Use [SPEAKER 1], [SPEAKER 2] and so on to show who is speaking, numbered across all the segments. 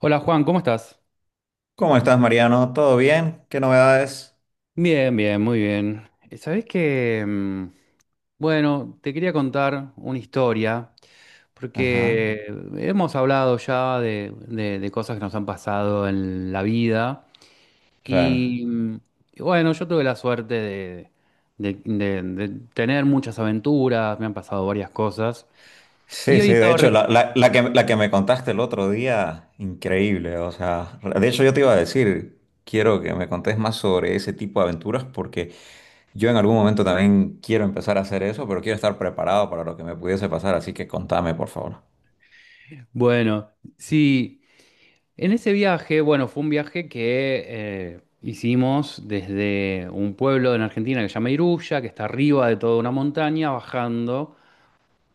[SPEAKER 1] Hola Juan, ¿cómo estás?
[SPEAKER 2] ¿Cómo estás, Mariano? ¿Todo bien? ¿Qué novedades?
[SPEAKER 1] Bien, bien, muy bien. Sabés que, bueno, te quería contar una historia,
[SPEAKER 2] Ajá,
[SPEAKER 1] porque hemos hablado ya de cosas que nos han pasado en la vida
[SPEAKER 2] claro.
[SPEAKER 1] y, y bueno, yo tuve la suerte de tener muchas aventuras, me han pasado varias cosas y
[SPEAKER 2] Sí,
[SPEAKER 1] hoy
[SPEAKER 2] sí, de hecho, la, la- la que, la que me contaste el otro día, increíble. O sea, de hecho yo te iba a decir, quiero que me contés más sobre ese tipo de aventuras porque yo en algún momento también quiero empezar a hacer eso, pero quiero estar preparado para lo que me pudiese pasar, así que contame, por favor.
[SPEAKER 1] Bueno, sí. En ese viaje, bueno, fue un viaje que hicimos desde un pueblo en Argentina que se llama Iruya, que está arriba de toda una montaña, bajando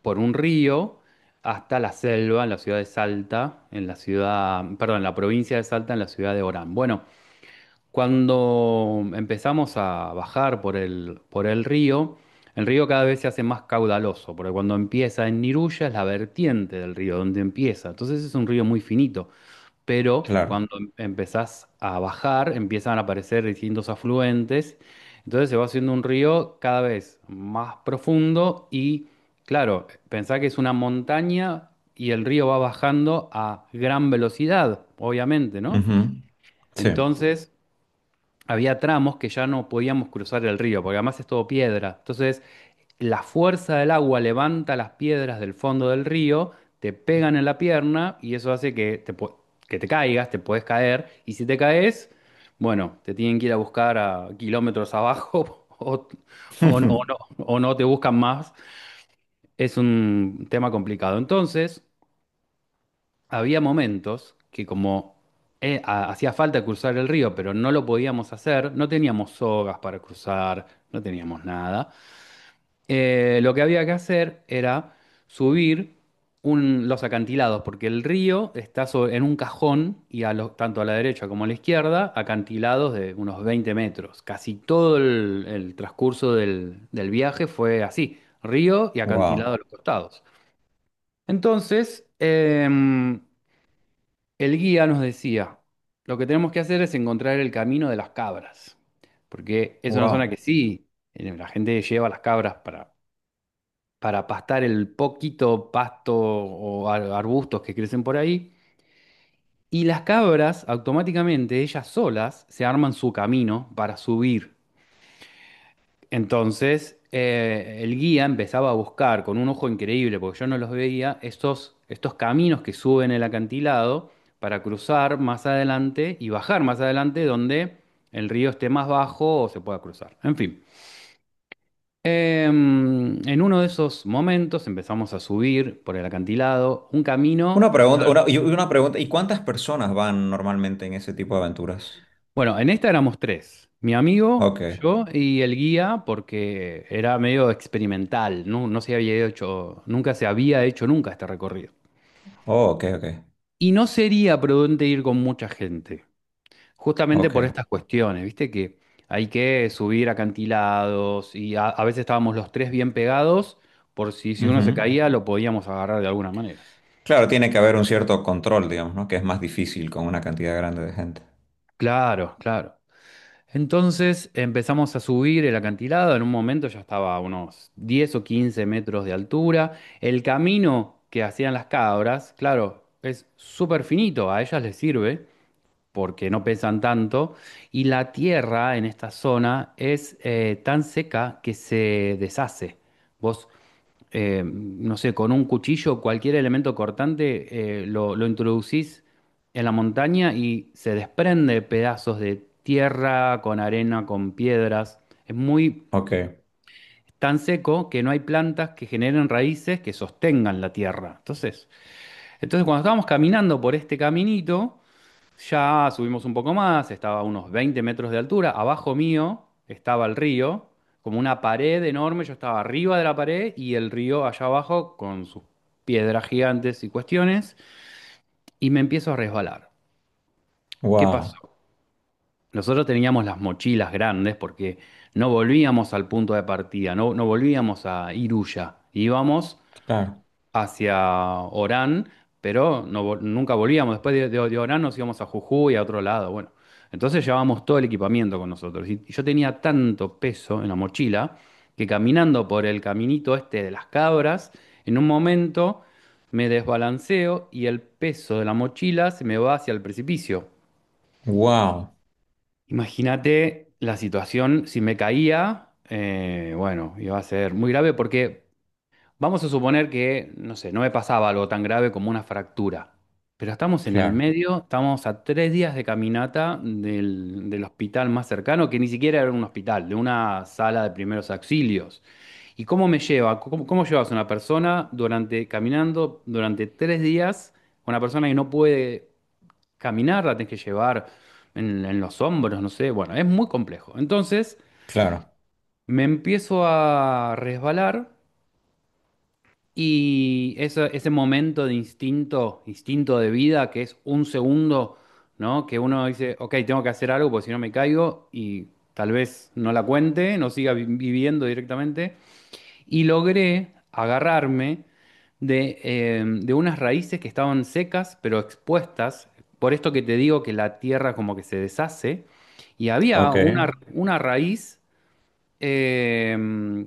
[SPEAKER 1] por un río hasta la selva, en la ciudad de Salta, en la ciudad, perdón, en la provincia de Salta, en la ciudad de Orán. Bueno, cuando empezamos a bajar por el río, el río cada vez se hace más caudaloso, porque cuando empieza en Iruya es la vertiente del río, donde empieza. Entonces es un río muy finito pero
[SPEAKER 2] Claro.
[SPEAKER 1] cuando empezás a bajar empiezan a aparecer distintos afluentes, entonces se va haciendo un río cada vez más profundo y claro, pensá que es una montaña y el río va bajando a gran velocidad, obviamente, ¿no?
[SPEAKER 2] Ujú. Sí.
[SPEAKER 1] Entonces había tramos que ya no podíamos cruzar el río, porque además es todo piedra. Entonces la fuerza del agua levanta las piedras del fondo del río, te pegan en la pierna y eso hace que que te caigas, te puedes caer. Y si te caes, bueno, te tienen que ir a buscar a kilómetros abajo o no, o no te buscan más. Es un tema complicado. Entonces, había momentos que como hacía falta cruzar el río, pero no lo podíamos hacer, no teníamos sogas para cruzar, no teníamos nada. Lo que había que hacer era subir los acantilados, porque el río está en un cajón y tanto a la derecha como a la izquierda, acantilados de unos 20 metros. Casi todo el transcurso del viaje fue así, río y acantilado
[SPEAKER 2] Wow,
[SPEAKER 1] a los costados. Entonces, el guía nos decía, lo que tenemos que hacer es encontrar el camino de las cabras, porque es una zona
[SPEAKER 2] wow.
[SPEAKER 1] que sí, la gente lleva las cabras para pastar el poquito pasto o arbustos que crecen por ahí. Y las cabras automáticamente, ellas solas, se arman su camino para subir. Entonces, el guía empezaba a buscar con un ojo increíble, porque yo no los veía, estos caminos que suben el acantilado para cruzar más adelante y bajar más adelante donde el río esté más bajo o se pueda cruzar. En fin. En uno de esos momentos empezamos a subir por el acantilado, un camino.
[SPEAKER 2] Una pregunta,
[SPEAKER 1] Claro.
[SPEAKER 2] una pregunta, ¿y cuántas personas van normalmente en ese tipo de aventuras?
[SPEAKER 1] Bueno, en esta éramos tres, mi amigo,
[SPEAKER 2] Ok.
[SPEAKER 1] yo y el guía, porque era medio experimental, no, no se había hecho, nunca se había hecho nunca este recorrido.
[SPEAKER 2] Oh, ok, ok,
[SPEAKER 1] Y no sería prudente ir con mucha gente, justamente por
[SPEAKER 2] ok.
[SPEAKER 1] estas cuestiones, viste que hay que subir acantilados y a veces estábamos los tres bien pegados, por si, si uno
[SPEAKER 2] Ujú.
[SPEAKER 1] se caía lo podíamos agarrar de alguna manera.
[SPEAKER 2] Claro, tiene que haber un cierto control, digamos, ¿no? Que es más difícil con una cantidad grande de gente.
[SPEAKER 1] Claro, claro. Entonces empezamos a subir el acantilado, en un momento ya estaba a unos 10 o 15 metros de altura. El camino que hacían las cabras, claro, es súper finito, a ellas les sirve porque no pesan tanto. Y la tierra en esta zona es tan seca que se deshace. Vos no sé, con un cuchillo, cualquier elemento cortante, lo introducís en la montaña y se desprende pedazos de tierra, con arena, con piedras. Es muy
[SPEAKER 2] Ok,
[SPEAKER 1] tan seco que no hay plantas que generen raíces que sostengan la tierra. Entonces, cuando estábamos caminando por este caminito, ya subimos un poco más, estaba a unos 20 metros de altura. Abajo mío estaba el río, como una pared enorme. Yo estaba arriba de la pared y el río allá abajo con sus piedras gigantes y cuestiones. Y me empiezo a resbalar. ¿Qué
[SPEAKER 2] wow,
[SPEAKER 1] pasó? Nosotros teníamos las mochilas grandes porque no volvíamos al punto de partida, no, no volvíamos a Iruya. Íbamos
[SPEAKER 2] claro,
[SPEAKER 1] hacia Orán, pero nunca volvíamos. Después de Orán nos íbamos a Jujuy, a otro lado. Bueno, entonces llevábamos todo el equipamiento con nosotros. Y yo tenía tanto peso en la mochila que caminando por el caminito este de las cabras, en un momento me desbalanceo y el peso de la mochila se me va hacia el precipicio.
[SPEAKER 2] wow,
[SPEAKER 1] Imagínate la situación, si me caía, bueno, iba a ser muy grave porque vamos a suponer que, no sé, no me pasaba algo tan grave como una fractura, pero estamos en el
[SPEAKER 2] claro,
[SPEAKER 1] medio, estamos a 3 días de caminata del hospital más cercano, que ni siquiera era un hospital, de una sala de primeros auxilios. ¿Y cómo me lleva? Cómo llevas a una persona durante, caminando durante 3 días, una persona que no puede caminar, la tenés que llevar en los hombros, no sé, bueno, es muy complejo. Entonces,
[SPEAKER 2] claro,
[SPEAKER 1] me empiezo a resbalar. Y ese momento de instinto, instinto de vida, que es un segundo, ¿no? Que uno dice, ok, tengo que hacer algo porque si no me caigo y tal vez no la cuente, no viviendo directamente. Y logré agarrarme de unas raíces que estaban secas pero expuestas. Por esto que te digo que la tierra como que se deshace. Y había
[SPEAKER 2] ok,
[SPEAKER 1] una raíz. eh,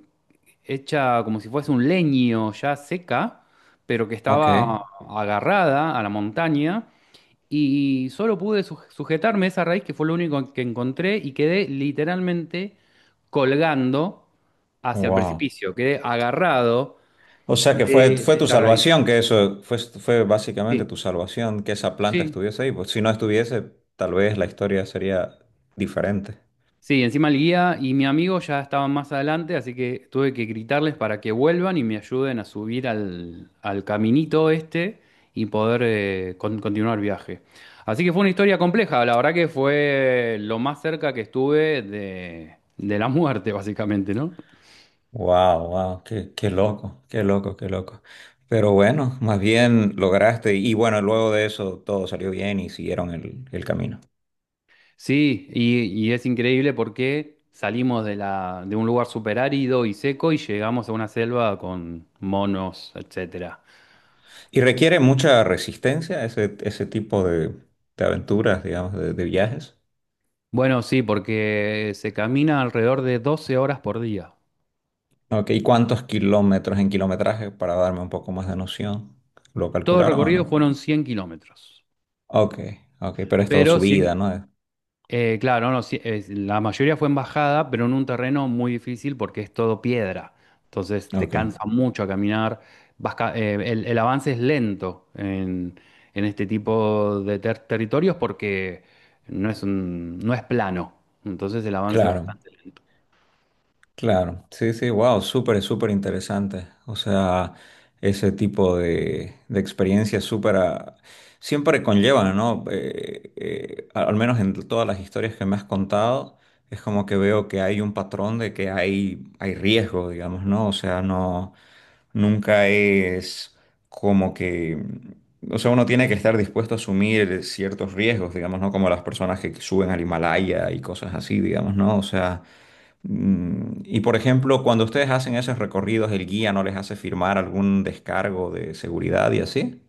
[SPEAKER 1] Hecha como si fuese un leño ya seca, pero que
[SPEAKER 2] ok,
[SPEAKER 1] estaba agarrada a la montaña. Y solo pude sujetarme esa raíz, que fue lo único que encontré, y quedé literalmente colgando hacia el
[SPEAKER 2] wow.
[SPEAKER 1] precipicio. Quedé agarrado
[SPEAKER 2] O sea que fue, fue
[SPEAKER 1] de
[SPEAKER 2] tu
[SPEAKER 1] esta raíz.
[SPEAKER 2] salvación, que eso fue, fue básicamente
[SPEAKER 1] Sí,
[SPEAKER 2] tu salvación, que esa planta
[SPEAKER 1] sí,
[SPEAKER 2] estuviese ahí. Pues si no estuviese, tal vez la historia sería diferente.
[SPEAKER 1] sí, encima el guía y mi amigo ya estaban más adelante, así que tuve que gritarles para que vuelvan y me ayuden a subir al caminito este y poder continuar el viaje. Así que fue una historia compleja, la verdad que fue lo más cerca que estuve de la muerte, básicamente, ¿no?
[SPEAKER 2] Wow, wow, qué, qué loco, qué loco, qué loco. Pero bueno, más bien lograste y bueno, luego de eso todo salió bien y siguieron el camino.
[SPEAKER 1] Sí, y es increíble porque salimos de la, de un lugar súper árido y seco y llegamos a una selva con monos, etcétera.
[SPEAKER 2] Y requiere mucha resistencia ese, ese tipo de aventuras, digamos, de viajes.
[SPEAKER 1] Bueno, sí, porque se camina alrededor de 12 horas por día.
[SPEAKER 2] Ok, ¿y cuántos kilómetros en kilometraje para darme un poco más de noción? ¿Lo
[SPEAKER 1] Todo el
[SPEAKER 2] calcularon o
[SPEAKER 1] recorrido
[SPEAKER 2] no?
[SPEAKER 1] fueron 100 kilómetros.
[SPEAKER 2] Ok, ok, pero es todo
[SPEAKER 1] Pero 100,
[SPEAKER 2] subida, ¿no?
[SPEAKER 1] claro, no, sí, la mayoría fue en bajada, pero en un terreno muy difícil porque es todo piedra. Entonces te
[SPEAKER 2] Ok,
[SPEAKER 1] cansa mucho a caminar. El avance es lento en este tipo de territorios porque no es plano. Entonces el avance es
[SPEAKER 2] claro.
[SPEAKER 1] bastante lento.
[SPEAKER 2] Claro, sí, sí, wow, súper, súper interesante. O sea, ese tipo de experiencias súper, ah, siempre conllevan, ¿no? Al menos en todas las historias que me has contado, es como que veo que hay un patrón de que hay riesgo, digamos, ¿no? O sea, no, nunca es como que, o sea, uno tiene que estar dispuesto a asumir ciertos riesgos, digamos, ¿no? Como las personas que suben al Himalaya y cosas así, digamos, ¿no? O sea... Mm, y por ejemplo, cuando ustedes hacen esos recorridos, el guía no les hace firmar algún descargo de seguridad y así.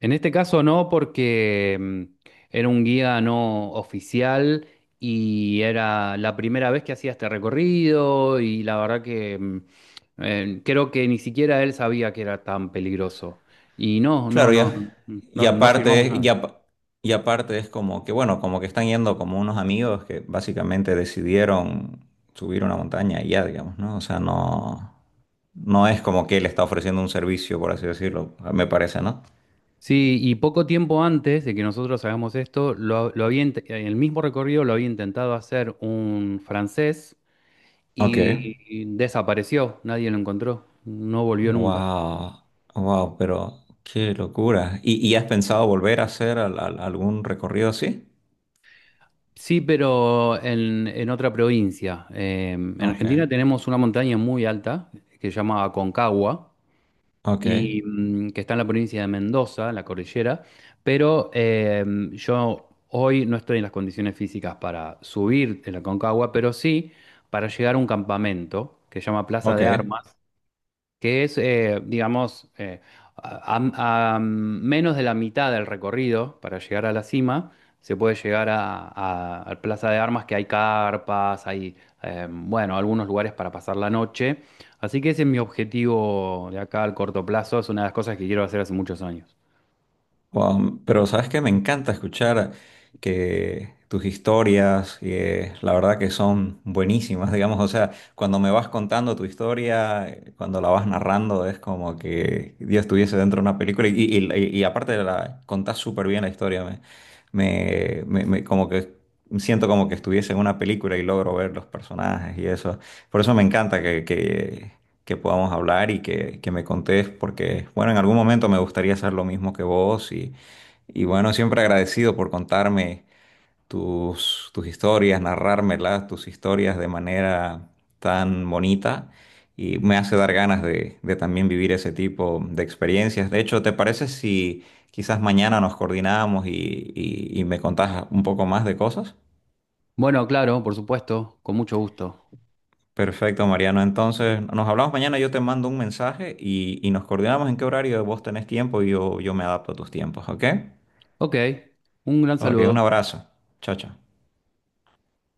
[SPEAKER 1] En este caso no, porque era un guía no oficial y era la primera vez que hacía este recorrido y la verdad que creo que ni siquiera él sabía que era tan peligroso. Y no, no,
[SPEAKER 2] Claro,
[SPEAKER 1] no, no,
[SPEAKER 2] ya. Y
[SPEAKER 1] no, no firmamos
[SPEAKER 2] aparte,
[SPEAKER 1] nada.
[SPEAKER 2] y aparte es como que, bueno, como que están yendo como unos amigos que básicamente decidieron subir una montaña y ya, digamos, ¿no? O sea, no, no es como que él está ofreciendo un servicio, por así decirlo, me parece, ¿no?
[SPEAKER 1] Sí, y poco tiempo antes de que nosotros hagamos esto, en el mismo recorrido lo había intentado hacer un francés
[SPEAKER 2] Ok.
[SPEAKER 1] y desapareció, nadie lo encontró, no volvió nunca.
[SPEAKER 2] Wow, wow, pero qué locura. Y has pensado volver a hacer algún recorrido así?
[SPEAKER 1] Sí, pero en otra provincia. En
[SPEAKER 2] Ok,
[SPEAKER 1] Argentina tenemos una montaña muy alta que se llama Aconcagua
[SPEAKER 2] ok,
[SPEAKER 1] y que está en la provincia de Mendoza, en la cordillera, pero yo hoy no estoy en las condiciones físicas para subir en la Aconcagua, pero sí para llegar a un campamento que se llama Plaza
[SPEAKER 2] ok.
[SPEAKER 1] de Armas, que es, digamos, a menos de la mitad del recorrido para llegar a la cima, se puede llegar a Plaza de Armas, que hay carpas, hay, bueno, algunos lugares para pasar la noche. Así que ese es mi objetivo de acá al corto plazo, es una de las cosas que quiero hacer hace muchos años.
[SPEAKER 2] Pero sabes que me encanta escuchar que tus historias, que la verdad que son buenísimas, digamos, o sea, cuando me vas contando tu historia, cuando la vas narrando, es como que Dios estuviese dentro de una película y, y aparte de la contás súper bien la historia, como que siento como que estuviese en una película y logro ver los personajes y eso. Por eso me encanta que podamos hablar y que me contés, porque, bueno, en algún momento me gustaría hacer lo mismo que vos y bueno, siempre agradecido por contarme tus, tus historias, narrármelas, tus historias de manera tan bonita y me hace dar ganas de también vivir ese tipo de experiencias. De hecho, ¿te parece si quizás mañana nos coordinamos y, y me contás un poco más de cosas?
[SPEAKER 1] Bueno, claro, por supuesto, con mucho gusto.
[SPEAKER 2] Perfecto, Mariano. Entonces, nos hablamos mañana, yo te mando un mensaje y nos coordinamos en qué horario vos tenés tiempo y yo me adapto a tus tiempos, ¿ok?
[SPEAKER 1] Ok, un gran
[SPEAKER 2] Ok, un
[SPEAKER 1] saludo.
[SPEAKER 2] abrazo. Chao, chao.